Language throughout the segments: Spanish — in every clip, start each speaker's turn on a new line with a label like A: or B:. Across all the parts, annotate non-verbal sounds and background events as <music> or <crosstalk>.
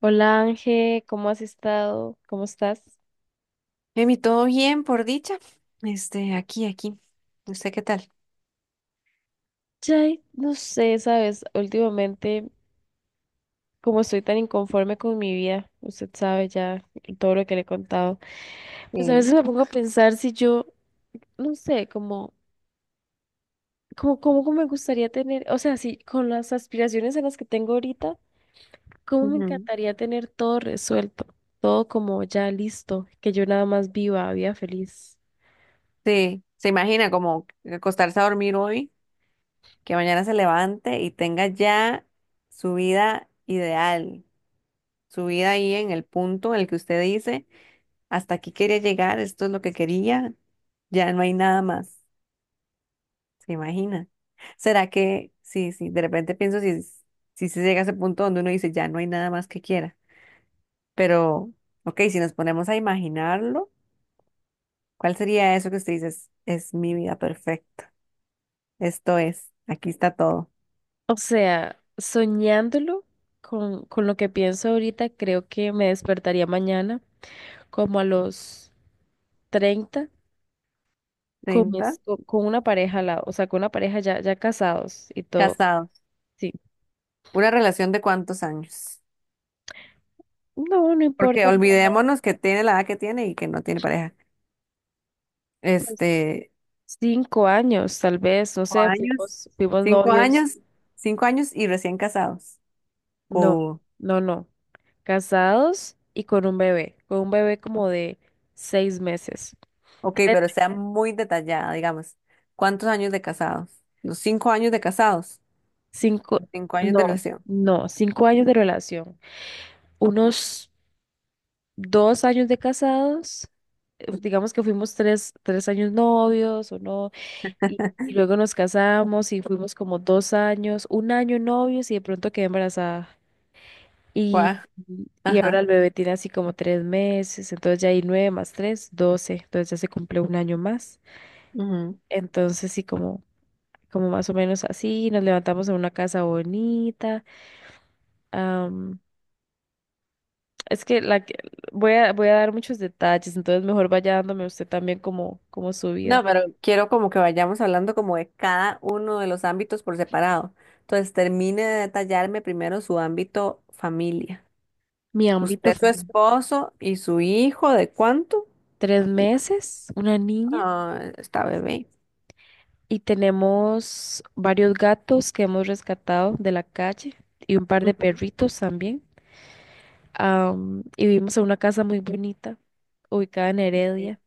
A: Hola Ángel, ¿cómo has estado? ¿Cómo estás?
B: Emi, todo bien, por dicha. Aquí, aquí. ¿Usted qué tal?
A: Chay, no sé, sabes, últimamente como estoy tan inconforme con mi vida, usted sabe ya todo lo que le he contado, pues a veces
B: Sí.
A: me pongo a pensar si yo, no sé, cómo me gustaría tener, o sea, si con las aspiraciones en las que tengo ahorita, cómo me
B: Ujú.
A: encantaría tener todo resuelto, todo como ya listo, que yo nada más viva, vida feliz.
B: Sí, se imagina como acostarse a dormir hoy, que mañana se levante y tenga ya su vida ideal, su vida ahí en el punto en el que usted dice, hasta aquí quería llegar, esto es lo que quería, ya no hay nada más. ¿Se imagina? ¿Será que, sí, sí, de repente pienso si se llega a ese punto donde uno dice, ya no hay nada más que quiera? Pero, ok, si nos ponemos a imaginarlo, ¿cuál sería eso que usted dice? Es mi vida perfecta. Esto es, aquí está todo.
A: O sea, soñándolo con lo que pienso ahorita, creo que me despertaría mañana como a los 30 con,
B: 30.
A: mis- con una pareja al lado, o sea, con una pareja ya casados y todo.
B: Casados.
A: Sí.
B: ¿Una relación de cuántos años?
A: No, no
B: Porque
A: importa, mamá.
B: olvidémonos que tiene la edad que tiene y que no tiene pareja.
A: Pues
B: Este,
A: 5 años, tal vez, no
B: cinco
A: sé,
B: años,
A: fuimos
B: cinco
A: novios.
B: años, cinco años y recién casados.
A: No,
B: O,
A: no, no. Casados y con un bebé como de 6 meses.
B: ok,
A: Tres,
B: pero sea muy detallada, digamos. ¿Cuántos años de casados? ¿Los 5 años de casados?
A: cinco,
B: ¿Los cinco años de
A: no,
B: relación?
A: no, cinco años de relación. Unos 2 años de casados. Pues, digamos que fuimos tres años novios o no, y luego nos casamos y fuimos como 2 años, un año novios y de pronto quedé embarazada. Y,
B: Guau.
A: y
B: Ajá.
A: ahora el bebé tiene así como 3 meses, entonces ya hay 9 más 3, 12, entonces ya se cumple un año más.
B: Ujú.
A: Entonces sí, como, como más o menos así, nos levantamos en una casa bonita. Es que la que voy a dar muchos detalles, entonces mejor vaya dándome usted también como, como su vida.
B: No, pero quiero como que vayamos hablando como de cada uno de los ámbitos por separado. Entonces, termine de detallarme primero su ámbito familia.
A: Mi ámbito
B: Usted, su
A: familiar.
B: esposo y su hijo, ¿de cuánto?
A: 3 meses, una niña.
B: Ah, está bebé.
A: Y tenemos varios gatos que hemos rescatado de la calle y un par de
B: Ujú,
A: perritos también. Y vivimos en una casa muy bonita, ubicada en
B: sí.
A: Heredia.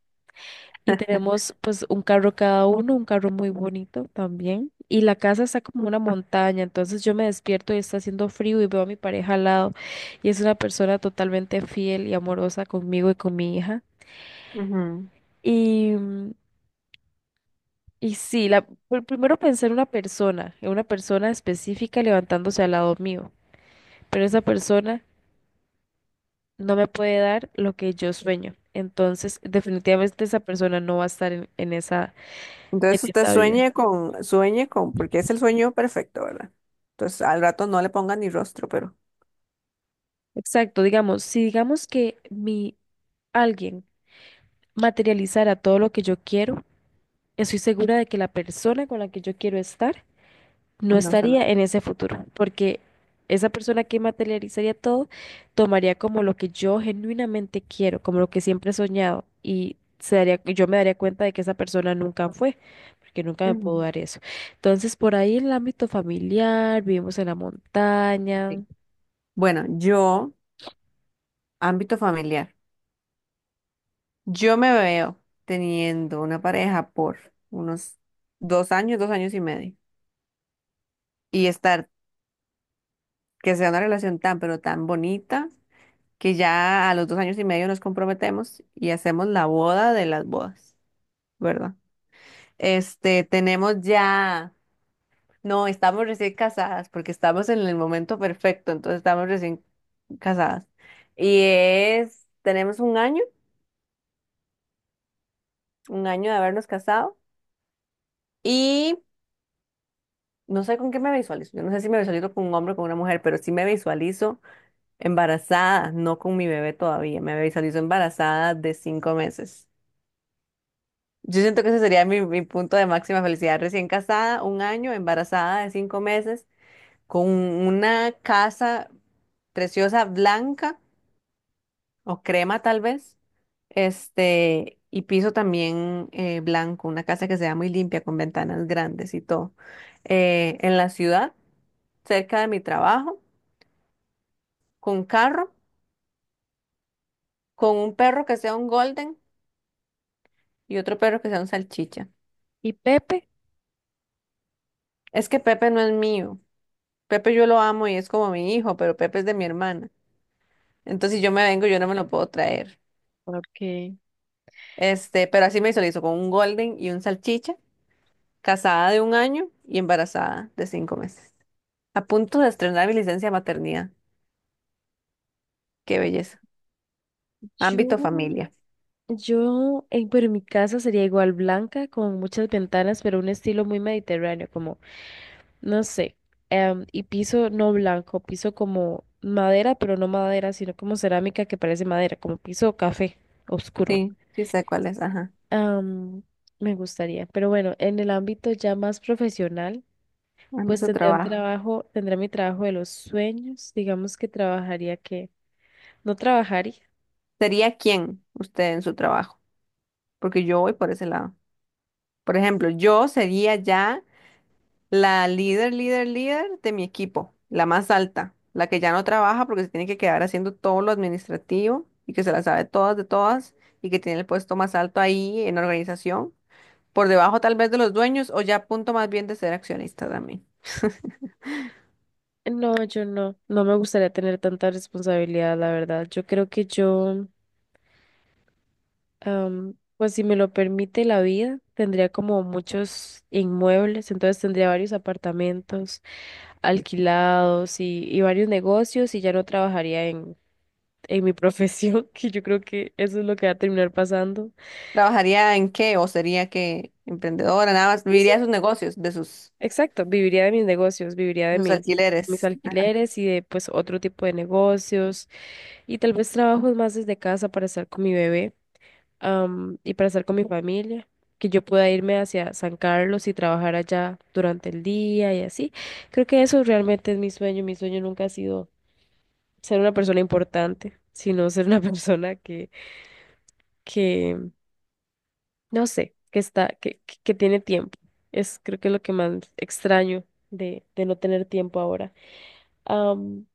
A: Y tenemos pues un carro cada uno, un carro muy bonito también. Y la casa está como una montaña, entonces yo me despierto y está haciendo frío y veo a mi pareja al lado. Y es una persona totalmente fiel y amorosa conmigo y con mi hija.
B: Ujú.
A: Y, mm, y sí, la, primero pensé en una persona específica levantándose al lado mío. Pero esa persona no me puede dar lo que yo sueño. Entonces, definitivamente esa persona no va a estar en, en esa, en
B: Entonces usted
A: esa vida.
B: sueñe con, porque es el sueño perfecto, ¿verdad? Entonces al rato no le ponga ni rostro, pero
A: Exacto, digamos, si digamos que mi alguien materializara todo lo que yo quiero, estoy segura de que la persona con la que yo quiero estar no
B: no se lo.
A: estaría en ese futuro, porque esa persona que materializaría todo tomaría como lo que yo genuinamente quiero, como lo que siempre he soñado, y se daría, yo me daría cuenta de que esa persona nunca fue, porque nunca me pudo
B: Ujú,
A: dar eso. Entonces, por ahí en el ámbito familiar, vivimos en la montaña,
B: sí. Bueno, yo, ámbito familiar. Yo me veo teniendo una pareja por unos 2 años, 2 años y medio. Y estar, que sea una relación tan, pero tan bonita, que ya a los 2 años y medio nos comprometemos y hacemos la boda de las bodas, ¿verdad? Tenemos ya, no, estamos recién casadas porque estamos en el momento perfecto, entonces estamos recién casadas. Y es, tenemos un año de habernos casado. No sé con qué me visualizo. Yo no sé si me visualizo con un hombre o con una mujer, pero sí me visualizo embarazada, no con mi bebé todavía. Me visualizo embarazada de 5 meses. Yo siento que ese sería mi punto de máxima felicidad. Recién casada, un año, embarazada de 5 meses, con una casa preciosa blanca o crema tal vez. Y piso también blanco, una casa que sea muy limpia, con ventanas grandes y todo. En la ciudad, cerca de mi trabajo con carro, con un perro que sea un golden y otro perro que sea un salchicha.
A: y Pepe.
B: Es que Pepe no es mío. Pepe yo lo amo y es como mi hijo, pero Pepe es de mi hermana. Entonces si yo me vengo, yo no me lo puedo traer.
A: Ok.
B: Pero así me visualizo con un golden y un salchicha, casada de un año y embarazada de 5 meses. A punto de estrenar mi licencia de maternidad. Qué belleza.
A: Yo
B: Ámbito familia.
A: Yo, pero mi casa sería igual blanca, con muchas ventanas, pero un estilo muy mediterráneo, como, no sé, y piso no blanco, piso como madera, pero no madera, sino como cerámica que parece madera, como piso café oscuro.
B: Sí, sí sé cuál es, ajá.
A: Am, Me gustaría, pero bueno, en el ámbito ya más profesional, pues
B: Ámbito
A: tendría un Ujú.
B: trabajo.
A: Trabajo, tendría mi trabajo de los sueños, digamos que trabajaría que, no trabajaría.
B: ¿Sería quién usted en su trabajo? Porque yo voy por ese lado. Por ejemplo, yo sería ya la líder, líder, líder de mi equipo, la más alta, la que ya no trabaja porque se tiene que quedar haciendo todo lo administrativo y que se la sabe todas de todas y que tiene el puesto más alto ahí en organización, por debajo tal vez de los dueños o ya a punto más bien de ser accionista también.
A: No, yo no, no me gustaría tener tanta responsabilidad, la verdad. Yo creo que yo, pues si me lo permite la vida, tendría como muchos inmuebles, entonces tendría varios apartamentos alquilados y varios negocios y ya no trabajaría en mi profesión, <laughs> que yo creo que eso es lo que va a terminar pasando.
B: ¿Trabajaría en qué o sería que emprendedora nada más?
A: Sí, sí,
B: Viviría de sus negocios, de sus,
A: exacto, viviría de mis negocios, viviría de
B: de sus
A: mis, mis
B: alquileres.
A: alquileres y de pues otro tipo de negocios y tal vez trabajos más desde casa para estar con mi bebé. Y para estar con mi familia, que yo pueda irme hacia San Carlos y trabajar allá durante el día y así. Creo que eso realmente es mi sueño. Mi sueño nunca ha sido ser una persona importante, <laughs> sino ser una <laughs> persona que, no sé, que está, que, que tiene tiempo. Es creo que es lo que más extraño de no tener tiempo ahora. Am,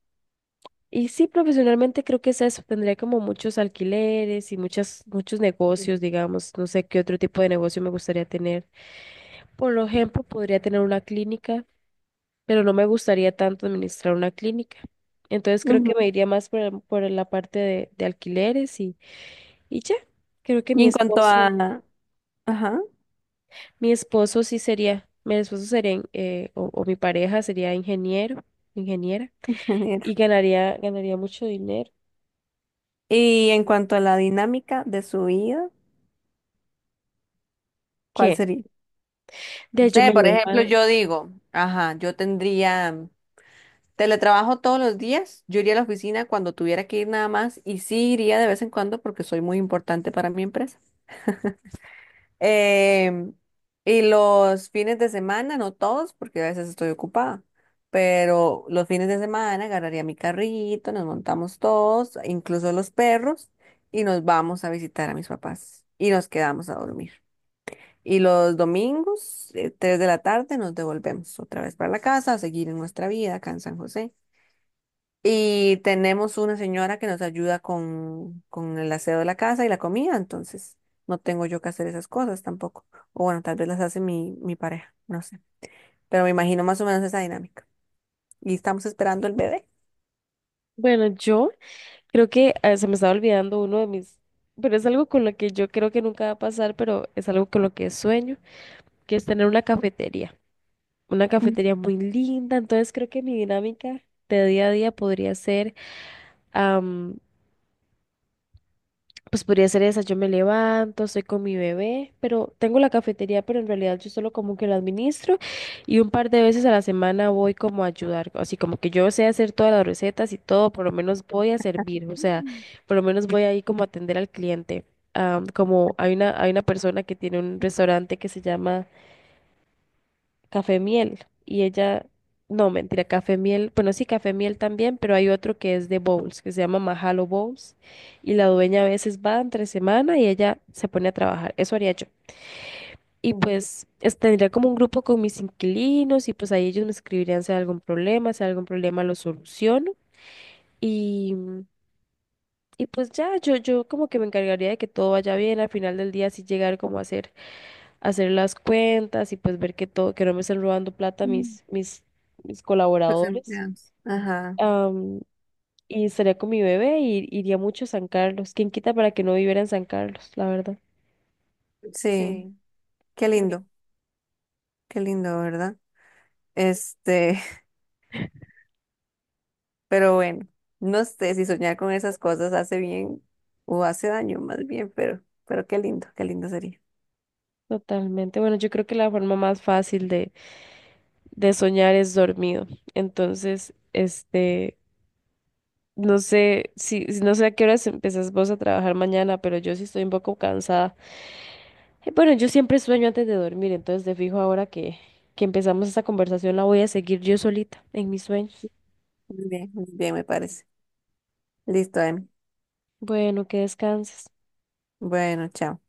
A: y sí, profesionalmente creo que es eso. Tendría como muchos alquileres y muchos negocios, digamos. No sé qué otro tipo de negocio me gustaría tener. Por ejemplo, podría tener una clínica, pero no me gustaría tanto administrar una clínica. Entonces creo que
B: Ujú.
A: me iría más por la parte de alquileres y ya. Creo que
B: Y en cuanto a... Ajá,
A: mi esposo sí sería, mi esposo sería, o mi pareja sería ingeniero, ingeniera,
B: ingeniero.
A: y ganaría mucho dinero.
B: Y en cuanto a la dinámica de su vida. ¿Cuál
A: ¿Qué?
B: sería?
A: De
B: No
A: ahí yo
B: sé,
A: me
B: por ejemplo,
A: levanto.
B: yo digo, ajá, yo tendría teletrabajo todos los días, yo iría a la oficina cuando tuviera que ir nada más y sí iría de vez en cuando porque soy muy importante para mi empresa. Em, y los fines de semana, no todos, porque a veces estoy ocupada, pero los fines de semana agarraría mi carrito, nos montamos todos, incluso los perros, y nos vamos a visitar a mis papás y nos quedamos a dormir. Y los domingos, 3 de la tarde, nos devolvemos otra vez para la casa a seguir en nuestra vida acá en San José. Y tenemos una señora que nos ayuda con el aseo de la casa y la comida, entonces no tengo yo que hacer esas cosas tampoco. O bueno, tal vez las hace mi pareja, no sé. Pero me imagino más o menos esa dinámica. Y estamos esperando el bebé.
A: Bueno, yo creo que se me estaba olvidando uno de mis, pero es algo con lo que yo creo que nunca va a pasar, pero es algo con lo que sueño, que es tener una cafetería. Una
B: Ujú.
A: cafetería muy linda, entonces creo que mi dinámica de día a día podría ser, am, pues podría ser esa, yo me levanto, estoy con mi bebé, pero tengo la cafetería, pero en realidad yo solo como que la administro y un par de veces a la semana voy como a ayudar, así como que yo sé hacer todas las recetas y todo, por lo menos voy a servir, o sea, por lo menos voy ahí como a atender al cliente. Como hay una persona que tiene un restaurante que se llama Café Miel. Y ella, no, mentira, Café Miel. Bueno, sí, Café Miel también, pero hay otro que es de bowls, que se llama Mahalo Bowls. Y la dueña a veces va entre semana y ella se pone a trabajar. Eso haría yo. Y pues es- tendría como un grupo con mis inquilinos y pues ahí ellos me escribirían si hay algún problema, si hay algún problema lo soluciono. Y, y pues ya, yo como que me encargaría de que todo vaya bien. Al final del día sí llegar como a hacer las cuentas y pues ver que todo, que no me estén robando plata mis
B: Los
A: colaboradores.
B: empleados. Ajá,
A: Am, y estaría con mi bebé y iría mucho a San Carlos. ¿Quién quita para que no viviera en San Carlos? La verdad.
B: sí,
A: Sí,
B: qué
A: qué lindo.
B: lindo, qué lindo, ¿verdad? Este, Pero bueno, no sé si soñar con esas cosas hace bien o hace daño, más bien, pero, qué lindo sería.
A: Totalmente. Bueno, yo creo que la forma más fácil de soñar es dormido. Entonces, este, no sé no sé a qué horas empezás vos a trabajar mañana, pero yo sí estoy un poco cansada. Bueno, yo siempre sueño antes de dormir, entonces de fijo ahora que empezamos esta conversación la voy a seguir yo solita en mis sueños.
B: Muy bien, me parece. Listo, Em.
A: Bueno, que descanses.
B: Bueno, chao.